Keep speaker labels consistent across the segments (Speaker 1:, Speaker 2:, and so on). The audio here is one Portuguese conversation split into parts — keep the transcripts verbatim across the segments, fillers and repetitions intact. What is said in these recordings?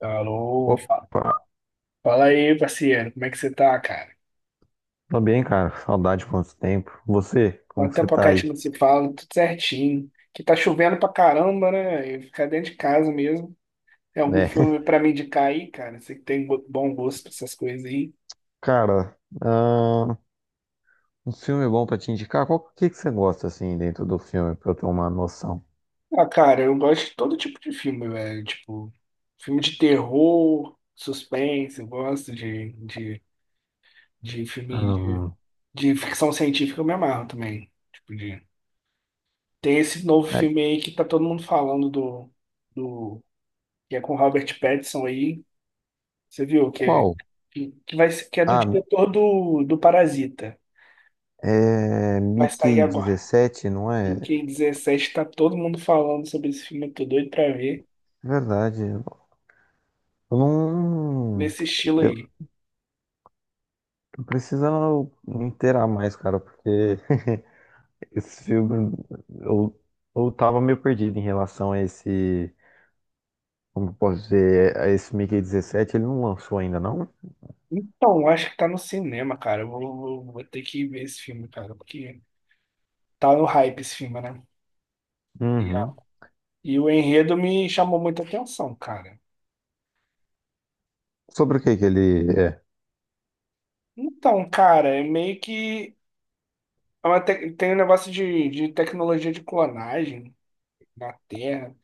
Speaker 1: Alô, fa-
Speaker 2: Opa,
Speaker 1: fala aí, parceiro, como é que você tá, cara?
Speaker 2: tá bem, cara? Saudade, quanto tempo. Você, como
Speaker 1: Quanto
Speaker 2: que você
Speaker 1: tempo que
Speaker 2: tá
Speaker 1: a gente
Speaker 2: aí?
Speaker 1: não se fala, tudo certinho. Que tá chovendo pra caramba, né? E ficar dentro de casa mesmo. Tem algum
Speaker 2: Né?
Speaker 1: filme pra me indicar aí, cara? Você que tem go- bom gosto pra essas coisas aí.
Speaker 2: Cara, ah, um filme bom pra te indicar? Qual que, que você gosta, assim, dentro do filme, pra eu ter uma noção?
Speaker 1: Ah, cara, eu gosto de todo tipo de filme, velho. Tipo, filme de terror, suspense, eu gosto de, de, de filme de,
Speaker 2: Ahn,
Speaker 1: de ficção científica, eu me amarro também. Tipo, de... Tem esse novo
Speaker 2: é,
Speaker 1: filme aí que tá todo mundo falando do, que é com o Robert Pattinson aí. Você viu que é,
Speaker 2: qual?
Speaker 1: que, que vai, ser- que é do
Speaker 2: Ah,
Speaker 1: diretor do, do Parasita.
Speaker 2: é
Speaker 1: Vai sair
Speaker 2: Mickey
Speaker 1: agora.
Speaker 2: dezessete, não é?
Speaker 1: E
Speaker 2: É,
Speaker 1: que dezessete tá todo mundo falando sobre esse filme. Eu tô doido pra ver
Speaker 2: verdade. Eu não...
Speaker 1: nesse estilo
Speaker 2: Eu
Speaker 1: aí.
Speaker 2: tô precisando me inteirar mais, cara, porque esse filme... Eu, eu tava meio perdido em relação a esse... Como posso dizer, é- esse Mickey dezessete, ele não lançou ainda, não?
Speaker 1: Então, acho que tá no cinema, cara. Eu Vou, vou, vou ter que ver esse filme, cara, porque tá no hype esse filme, né? E, a-
Speaker 2: Uhum.
Speaker 1: e o enredo me chamou muita atenção, cara.
Speaker 2: Sobre o que que ele é?
Speaker 1: Então, cara, é meio que é uma tec- tem um negócio de, de tecnologia de clonagem na Terra.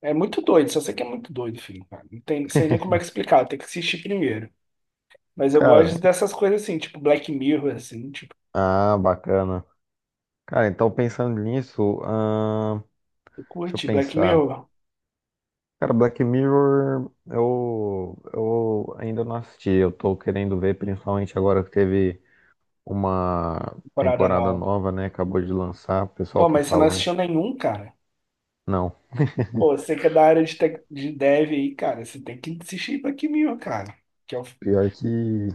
Speaker 1: É muito doido, só sei que é muito doido, filho, cara. Não tem, sei nem como é que explicar, tem que assistir primeiro. Mas eu
Speaker 2: Cara,
Speaker 1: gosto dessas coisas assim, tipo Black Mirror, assim, tipo,
Speaker 2: ah, bacana. Cara, então, pensando nisso, ahn,
Speaker 1: eu
Speaker 2: deixa eu
Speaker 1: curti Black
Speaker 2: pensar.
Speaker 1: Mirror,
Speaker 2: Cara, Black Mirror, eu, eu ainda não assisti. Eu tô querendo ver, principalmente agora que teve uma
Speaker 1: temporada
Speaker 2: temporada
Speaker 1: nova.
Speaker 2: nova, né? Acabou de lançar, o pessoal
Speaker 1: Pô,
Speaker 2: tá
Speaker 1: mas você não
Speaker 2: falando.
Speaker 1: assistiu nenhum, cara?
Speaker 2: Não,
Speaker 1: Pô, você que é da área de tech, de dev aí, cara, você tem que assistir Black Mirror, cara. Que é o-
Speaker 2: pior que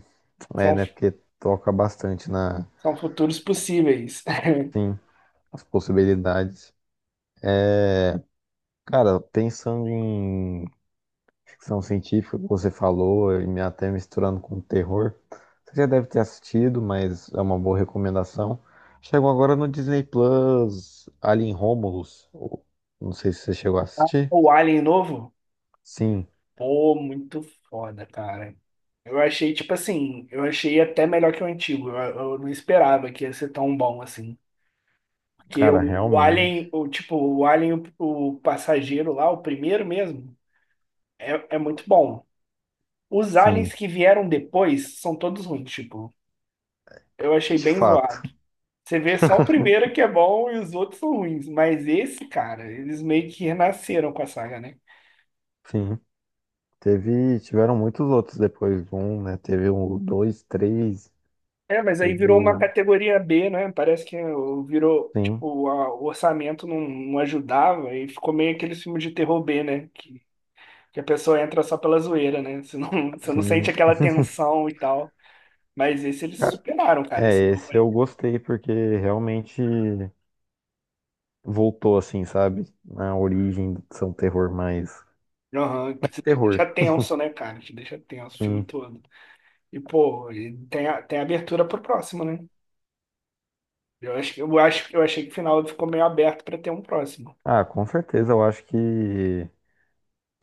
Speaker 2: é,
Speaker 1: são,
Speaker 2: né? Porque toca bastante na,
Speaker 1: são futuros possíveis.
Speaker 2: sim, as possibilidades. Cara, pensando em ficção científica, que você falou, e me- até misturando com terror, você já deve ter assistido, mas é uma boa recomendação. Chegou agora no Disney Plus, Alien Romulus. O- Não sei se você chegou a assistir.
Speaker 1: O Alien novo?
Speaker 2: Sim,
Speaker 1: Pô, muito foda, cara. Eu achei, tipo assim, eu achei até melhor que o antigo. Eu, eu não esperava que ia ser tão bom assim. Que
Speaker 2: cara,
Speaker 1: o, o Alien,
Speaker 2: realmente.
Speaker 1: o tipo, o Alien, o, o passageiro lá, o primeiro mesmo, é, é muito bom. Os
Speaker 2: Sim,
Speaker 1: aliens que vieram depois são todos ruins, tipo, eu achei
Speaker 2: de
Speaker 1: bem
Speaker 2: fato.
Speaker 1: zoado. Você vê só o primeiro que é bom e os outros são ruins, mas esse, cara, eles meio que renasceram com a saga, né?
Speaker 2: Sim. Teve, tiveram muitos outros depois do um, né? Teve o dois, três,
Speaker 1: É, mas aí
Speaker 2: teve
Speaker 1: virou uma
Speaker 2: o.
Speaker 1: categoria B, né? Parece que o- virou,
Speaker 2: Sim,
Speaker 1: tipo, a- o orçamento não, não ajudava e ficou meio aquele filme de terror B, né? que Porque a pessoa entra só pela zoeira, né? Você não, você não sente
Speaker 2: sim.
Speaker 1: aquela tensão e tal. Mas esse eles
Speaker 2: Cara,
Speaker 1: superaram, cara,
Speaker 2: é,
Speaker 1: esse novo
Speaker 2: esse
Speaker 1: aí.
Speaker 2: eu gostei, porque realmente. Voltou assim, sabe? Na origem de ser um terror mais,
Speaker 1: Aham, que
Speaker 2: mais
Speaker 1: te te deixa
Speaker 2: terror.
Speaker 1: tenso, né, cara? Te deixa tenso o filme
Speaker 2: Sim.
Speaker 1: todo. E, pô, e tem, a- tem abertura pro próximo, né? Eu acho, que- eu acho, eu achei que o final ficou meio aberto pra ter um próximo.
Speaker 2: Ah, com certeza, eu acho que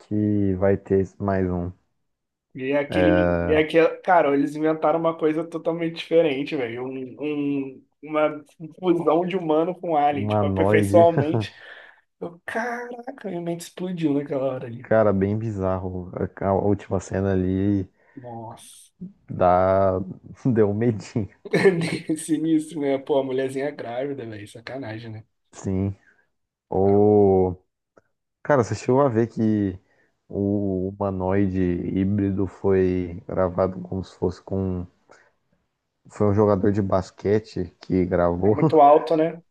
Speaker 2: que vai ter mais um.
Speaker 1: E é aquele, e é
Speaker 2: É,
Speaker 1: aquele, cara, eles inventaram uma coisa totalmente diferente, velho. Um, um, uma fusão de humano com alien, tipo,
Speaker 2: humanoide,
Speaker 1: aperfeiçoalmente. Eu, caraca, minha mente explodiu naquela hora ali.
Speaker 2: cara, bem bizarro. A, a última cena ali
Speaker 1: Nossa.
Speaker 2: dá deu um medinho.
Speaker 1: Sinistro, né? Pô, a mulherzinha grávida, velho. Sacanagem, né?
Speaker 2: Sim. O cara, você chegou a ver que o humanoide híbrido foi gravado como se fosse com foi um jogador de basquete que
Speaker 1: É
Speaker 2: gravou.
Speaker 1: muito alto, né?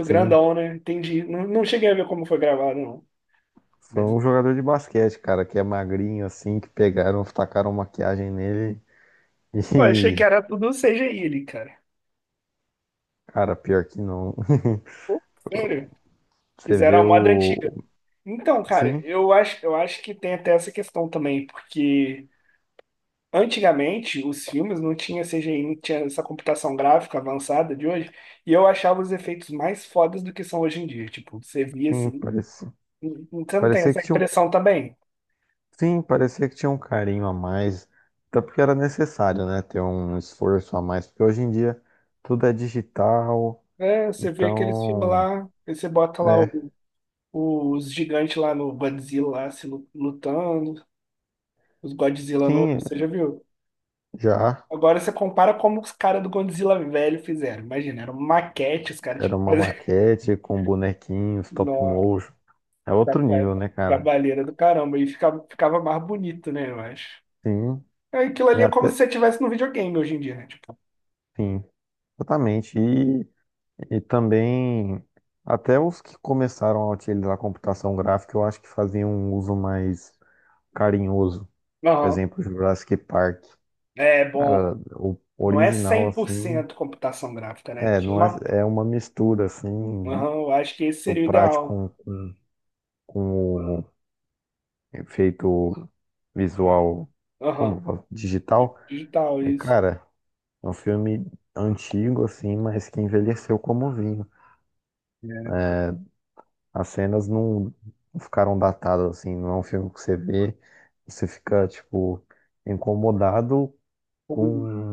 Speaker 2: Sim.
Speaker 1: grandão, né? Entendi. Não, não cheguei a ver como foi gravado, não.
Speaker 2: Foi
Speaker 1: Mas,
Speaker 2: um jogador de basquete, cara, que é magrinho assim, que pegaram, tacaram maquiagem nele
Speaker 1: pô, achei que
Speaker 2: e,
Speaker 1: era tudo C G I ali, cara.
Speaker 2: cara, pior que não.
Speaker 1: Pô, sério.
Speaker 2: Você
Speaker 1: Fizeram
Speaker 2: vê
Speaker 1: a moda antiga.
Speaker 2: o.
Speaker 1: Então, cara,
Speaker 2: Sim,
Speaker 1: eu acho, eu acho que tem até essa questão também, porque antigamente os filmes não tinha C G I, não tinha essa computação gráfica avançada de hoje, e eu achava os efeitos mais fodas do que são hoje em dia. Tipo, você via
Speaker 2: sim,
Speaker 1: assim,
Speaker 2: parecia.
Speaker 1: você não tem
Speaker 2: Parecia
Speaker 1: essa
Speaker 2: que tinha um.
Speaker 1: impressão também?
Speaker 2: Sim, parecia que tinha um carinho a mais. Até porque era necessário, né? Ter um esforço a mais. Porque hoje em dia tudo é digital.
Speaker 1: É, você vê aqueles filmes
Speaker 2: Então,
Speaker 1: lá, aí você bota lá
Speaker 2: é.
Speaker 1: o os gigantes lá no Godzilla lá, se lu- lutando, os Godzilla novos,
Speaker 2: Sim,
Speaker 1: você já viu?
Speaker 2: já.
Speaker 1: Agora você compara como os caras do Godzilla velho fizeram. Imagina, era uma maquete, os caras tinham
Speaker 2: Era
Speaker 1: que
Speaker 2: uma
Speaker 1: fazer.
Speaker 2: maquete com bonequinhos, stop
Speaker 1: Nossa,
Speaker 2: motion. É outro
Speaker 1: traba-
Speaker 2: nível, né, cara?
Speaker 1: trabalheira do caramba. E ficava, ficava mais bonito, né, eu acho.
Speaker 2: Sim.
Speaker 1: É, Aquilo
Speaker 2: E
Speaker 1: ali é como se
Speaker 2: até.
Speaker 1: você estivesse no videogame hoje em dia, né? Tipo,
Speaker 2: Sim, exatamente. E, e também, até os que começaram a utilizar a computação gráfica, eu acho que faziam um uso mais carinhoso. Por
Speaker 1: aham,
Speaker 2: exemplo, Jurassic Park.
Speaker 1: é bom.
Speaker 2: Cara, o
Speaker 1: Não é
Speaker 2: original, assim,
Speaker 1: cem por cento computação gráfica, né?
Speaker 2: é,
Speaker 1: Tinha
Speaker 2: não é,
Speaker 1: uma.
Speaker 2: é uma mistura, assim,
Speaker 1: Aham, eu acho que esse
Speaker 2: do
Speaker 1: seria o
Speaker 2: prático
Speaker 1: ideal.
Speaker 2: com, com, com o efeito
Speaker 1: Né?
Speaker 2: visual,
Speaker 1: Aham,
Speaker 2: como, fala?
Speaker 1: di-
Speaker 2: Digital.
Speaker 1: digital,
Speaker 2: Mas,
Speaker 1: isso.
Speaker 2: cara, é um filme antigo, assim, mas que envelheceu como vinho. As cenas não não ficaram datadas, assim, não é um filme que você vê, você fica, tipo, incomodado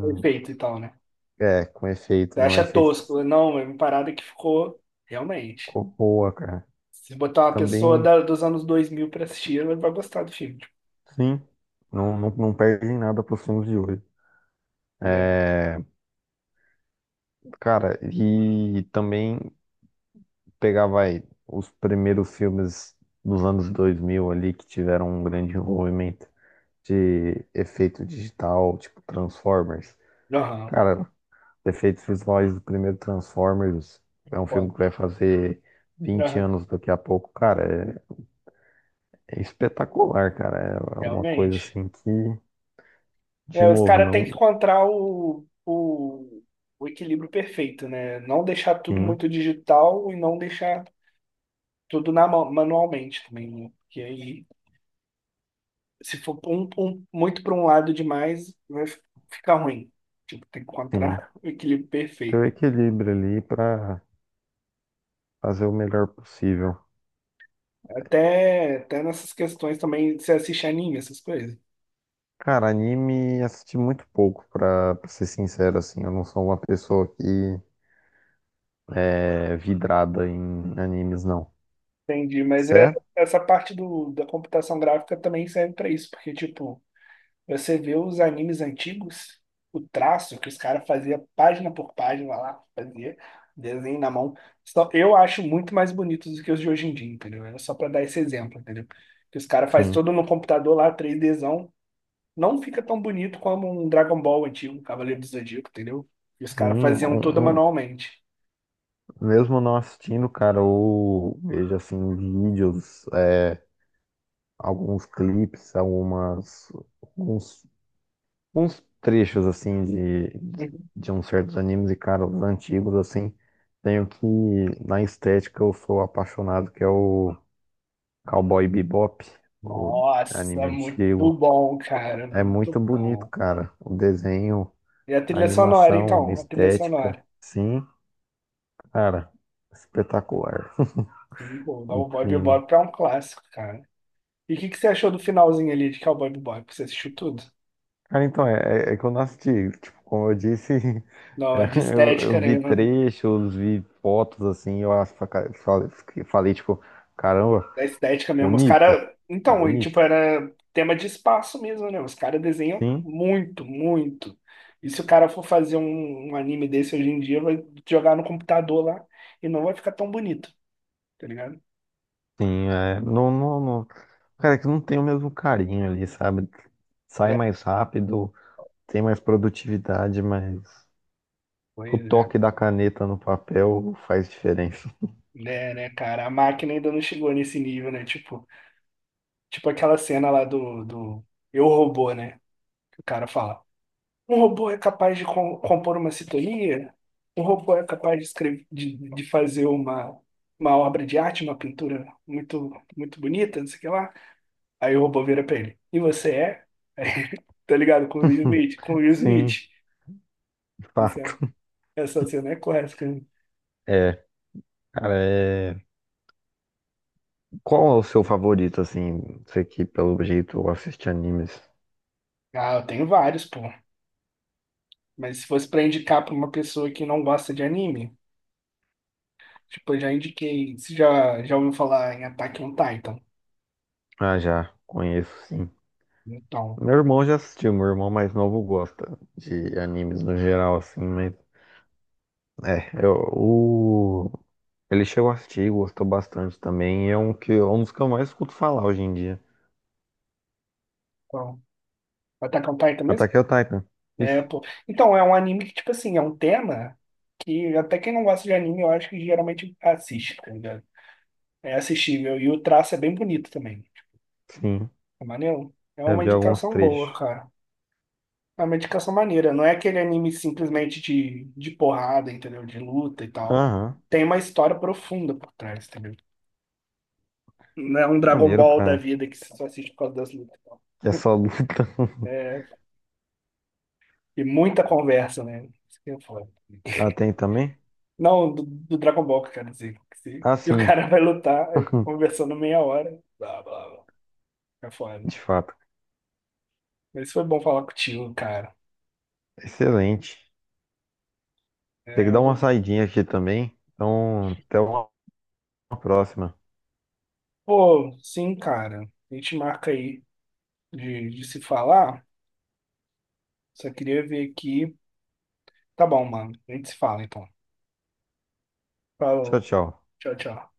Speaker 1: Com efeito e tal, né?
Speaker 2: é, com
Speaker 1: Você
Speaker 2: efeito, não é
Speaker 1: acha
Speaker 2: efeito que
Speaker 1: tosco? Não, é uma parada que ficou realmente.
Speaker 2: ficou boa, cara.
Speaker 1: Se botar uma pessoa
Speaker 2: Também,
Speaker 1: da- dos anos dois mil pra assistir, ela vai gostar do filme. Tipo,
Speaker 2: sim, não, não, não perdem nada pros filmes de hoje.
Speaker 1: né?
Speaker 2: É, cara, e também pegar, vai, os primeiros filmes dos anos dois mil ali, que tiveram um grande envolvimento de efeito digital, tipo Transformers.
Speaker 1: Aham,
Speaker 2: Cara, efeitos visuais do primeiro Transformers é um
Speaker 1: pode.
Speaker 2: filme que vai fazer vinte
Speaker 1: Aham,
Speaker 2: anos daqui a pouco, cara. É, é espetacular, cara. É é uma coisa
Speaker 1: realmente.
Speaker 2: assim que, de
Speaker 1: É, os
Speaker 2: novo,
Speaker 1: caras têm que
Speaker 2: não.
Speaker 1: encontrar o, o, o equilíbrio perfeito, né? Não deixar tudo
Speaker 2: Sim,
Speaker 1: muito digital e não deixar tudo na mão, manualmente também, né? Porque aí se for um- um- muito para um lado demais, vai f- ficar ruim. Tipo, tem que
Speaker 2: sim.
Speaker 1: encontrar o equilíbrio
Speaker 2: Ter o
Speaker 1: perfeito.
Speaker 2: equilíbrio ali pra fazer o melhor possível.
Speaker 1: Até, até nessas questões também, você assiste anime, essas coisas.
Speaker 2: Cara, anime assisti muito pouco, pra, pra ser sincero, assim. Eu não sou uma pessoa que é vidrada em animes, não.
Speaker 1: Entendi, mas é,
Speaker 2: Certo?
Speaker 1: essa parte do, da computação gráfica também serve para isso, porque, tipo, você vê os animes antigos, o traço que os caras faziam página por página lá, fazia desenho na mão. Só, eu acho muito mais bonitos do que os de hoje em dia, entendeu? Era só para dar esse exemplo, entendeu? Que os caras fazem
Speaker 2: Sim.
Speaker 1: todo no computador lá, 3Dzão, não fica tão bonito como um Dragon Ball antigo, um Cavaleiro do Zodíaco, entendeu? E os
Speaker 2: Sim,
Speaker 1: caras faziam tudo
Speaker 2: um,
Speaker 1: manualmente.
Speaker 2: mesmo não assistindo, cara, eu vejo assim vídeos, é, alguns clipes, algumas, alguns, uns trechos assim de,
Speaker 1: Uhum.
Speaker 2: de uns certos animes e, cara, os antigos assim. Tenho que, na estética, eu sou apaixonado, que é o Cowboy Bebop, o
Speaker 1: Nossa,
Speaker 2: anime
Speaker 1: muito
Speaker 2: antigo.
Speaker 1: bom, cara,
Speaker 2: É
Speaker 1: muito
Speaker 2: muito bonito,
Speaker 1: bom.
Speaker 2: cara. O desenho,
Speaker 1: E a
Speaker 2: a
Speaker 1: trilha sonora,
Speaker 2: animação, a
Speaker 1: então? A trilha
Speaker 2: estética.
Speaker 1: sonora.
Speaker 2: Sim, cara, espetacular.
Speaker 1: Sim, pô,
Speaker 2: Muito
Speaker 1: Cowboy
Speaker 2: lindo.
Speaker 1: Bebop é um clássico, cara. E o que que você achou do finalzinho ali de Cowboy Bebop? Você assistiu tudo?
Speaker 2: Cara, então, é, é é que eu não assisti. Tipo, como eu disse, é,
Speaker 1: Não, de
Speaker 2: eu, eu
Speaker 1: estética,
Speaker 2: vi
Speaker 1: nenhuma, né?
Speaker 2: trechos, vi fotos assim, eu acho, cara, falei, fiquei- falei, tipo, caramba,
Speaker 1: Da estética mesmo. Os
Speaker 2: bonito,
Speaker 1: caras. Então, e, tipo,
Speaker 2: bonito.
Speaker 1: era tema de espaço mesmo, né? Os caras desenham
Speaker 2: Sim,
Speaker 1: muito, muito. E se o cara for fazer um, um anime desse hoje em dia, vai jogar no computador lá e não vai ficar tão bonito, tá ligado?
Speaker 2: sim, é, não, não, não. Cara, é que não tem o mesmo carinho ali, sabe? Sai
Speaker 1: Né?
Speaker 2: mais rápido, tem mais produtividade, mas
Speaker 1: Pois
Speaker 2: o
Speaker 1: é.
Speaker 2: toque da caneta no papel faz diferença.
Speaker 1: Né, né, cara? A máquina ainda não chegou nesse nível, né? Tipo, tipo aquela cena lá do, do Eu Robô, né? Que o cara fala. Um robô é capaz de com- compor uma sintonia? Um robô é capaz de escrever, de, de fazer uma, uma obra de arte, uma pintura muito, muito bonita, não sei o que lá. Aí o robô vira pra ele. E você é? Tá ligado? Com o Will Smith? Com o Will
Speaker 2: Sim,
Speaker 1: Smith.
Speaker 2: de
Speaker 1: Essa
Speaker 2: fato.
Speaker 1: essa cena é clássica, né?
Speaker 2: É, cara, é. Qual é o seu favorito, assim? Você que, pelo jeito, assiste animes.
Speaker 1: Ah, eu tenho vários, pô. Mas se fosse pra indicar pra uma pessoa que não gosta de anime, tipo, eu já indiquei. Você já, já ouviu falar em Attack on Titan?
Speaker 2: Ah, já, conheço, sim.
Speaker 1: Então,
Speaker 2: Meu irmão já assistiu, meu irmão mais novo gosta de animes no geral, assim, mas... É, eu, o... Ele chegou a assistir, gostou bastante também, e é um, que, é um dos que eu mais escuto falar hoje em dia.
Speaker 1: então. Attack on Titan mesmo?
Speaker 2: Attack on Titan,
Speaker 1: É,
Speaker 2: isso?
Speaker 1: pô. Então, é um anime que, tipo assim, é um tema que até quem não gosta de anime, eu acho que geralmente assiste, tá ligado? É assistível. E o traço é bem bonito também.
Speaker 2: Sim,
Speaker 1: É maneiro. É
Speaker 2: já
Speaker 1: uma
Speaker 2: vi alguns
Speaker 1: indicação boa,
Speaker 2: trechos.
Speaker 1: cara. É uma indicação maneira. Não é aquele anime simplesmente de, de porrada, entendeu? De luta e tal.
Speaker 2: Aham,
Speaker 1: Tem uma história profunda por trás, entendeu? Não é um Dragon
Speaker 2: maneiro,
Speaker 1: Ball da
Speaker 2: cara.
Speaker 1: vida que você só assiste por causa das lutas.
Speaker 2: É só luta.
Speaker 1: E muita conversa, né? Isso que é foda.
Speaker 2: Ah, tem também?
Speaker 1: Não, do, do Dragon Ball, que eu quero dizer. Que se-
Speaker 2: Ah,
Speaker 1: E o
Speaker 2: sim,
Speaker 1: cara vai lutar, aí fica conversando meia hora. Blá, blá, blá. É foda.
Speaker 2: de fato.
Speaker 1: Mas foi bom falar contigo, cara.
Speaker 2: Excelente. Tem
Speaker 1: É,
Speaker 2: que
Speaker 1: eu
Speaker 2: dar uma
Speaker 1: vou-
Speaker 2: saidinha aqui também. Então, até uma próxima.
Speaker 1: Pô, sim, cara. A gente marca aí de, de se falar. Só queria ver aqui. Tá bom, mano. A gente se fala, então.
Speaker 2: Tchau,
Speaker 1: Falou.
Speaker 2: tchau.
Speaker 1: Tchau, tchau.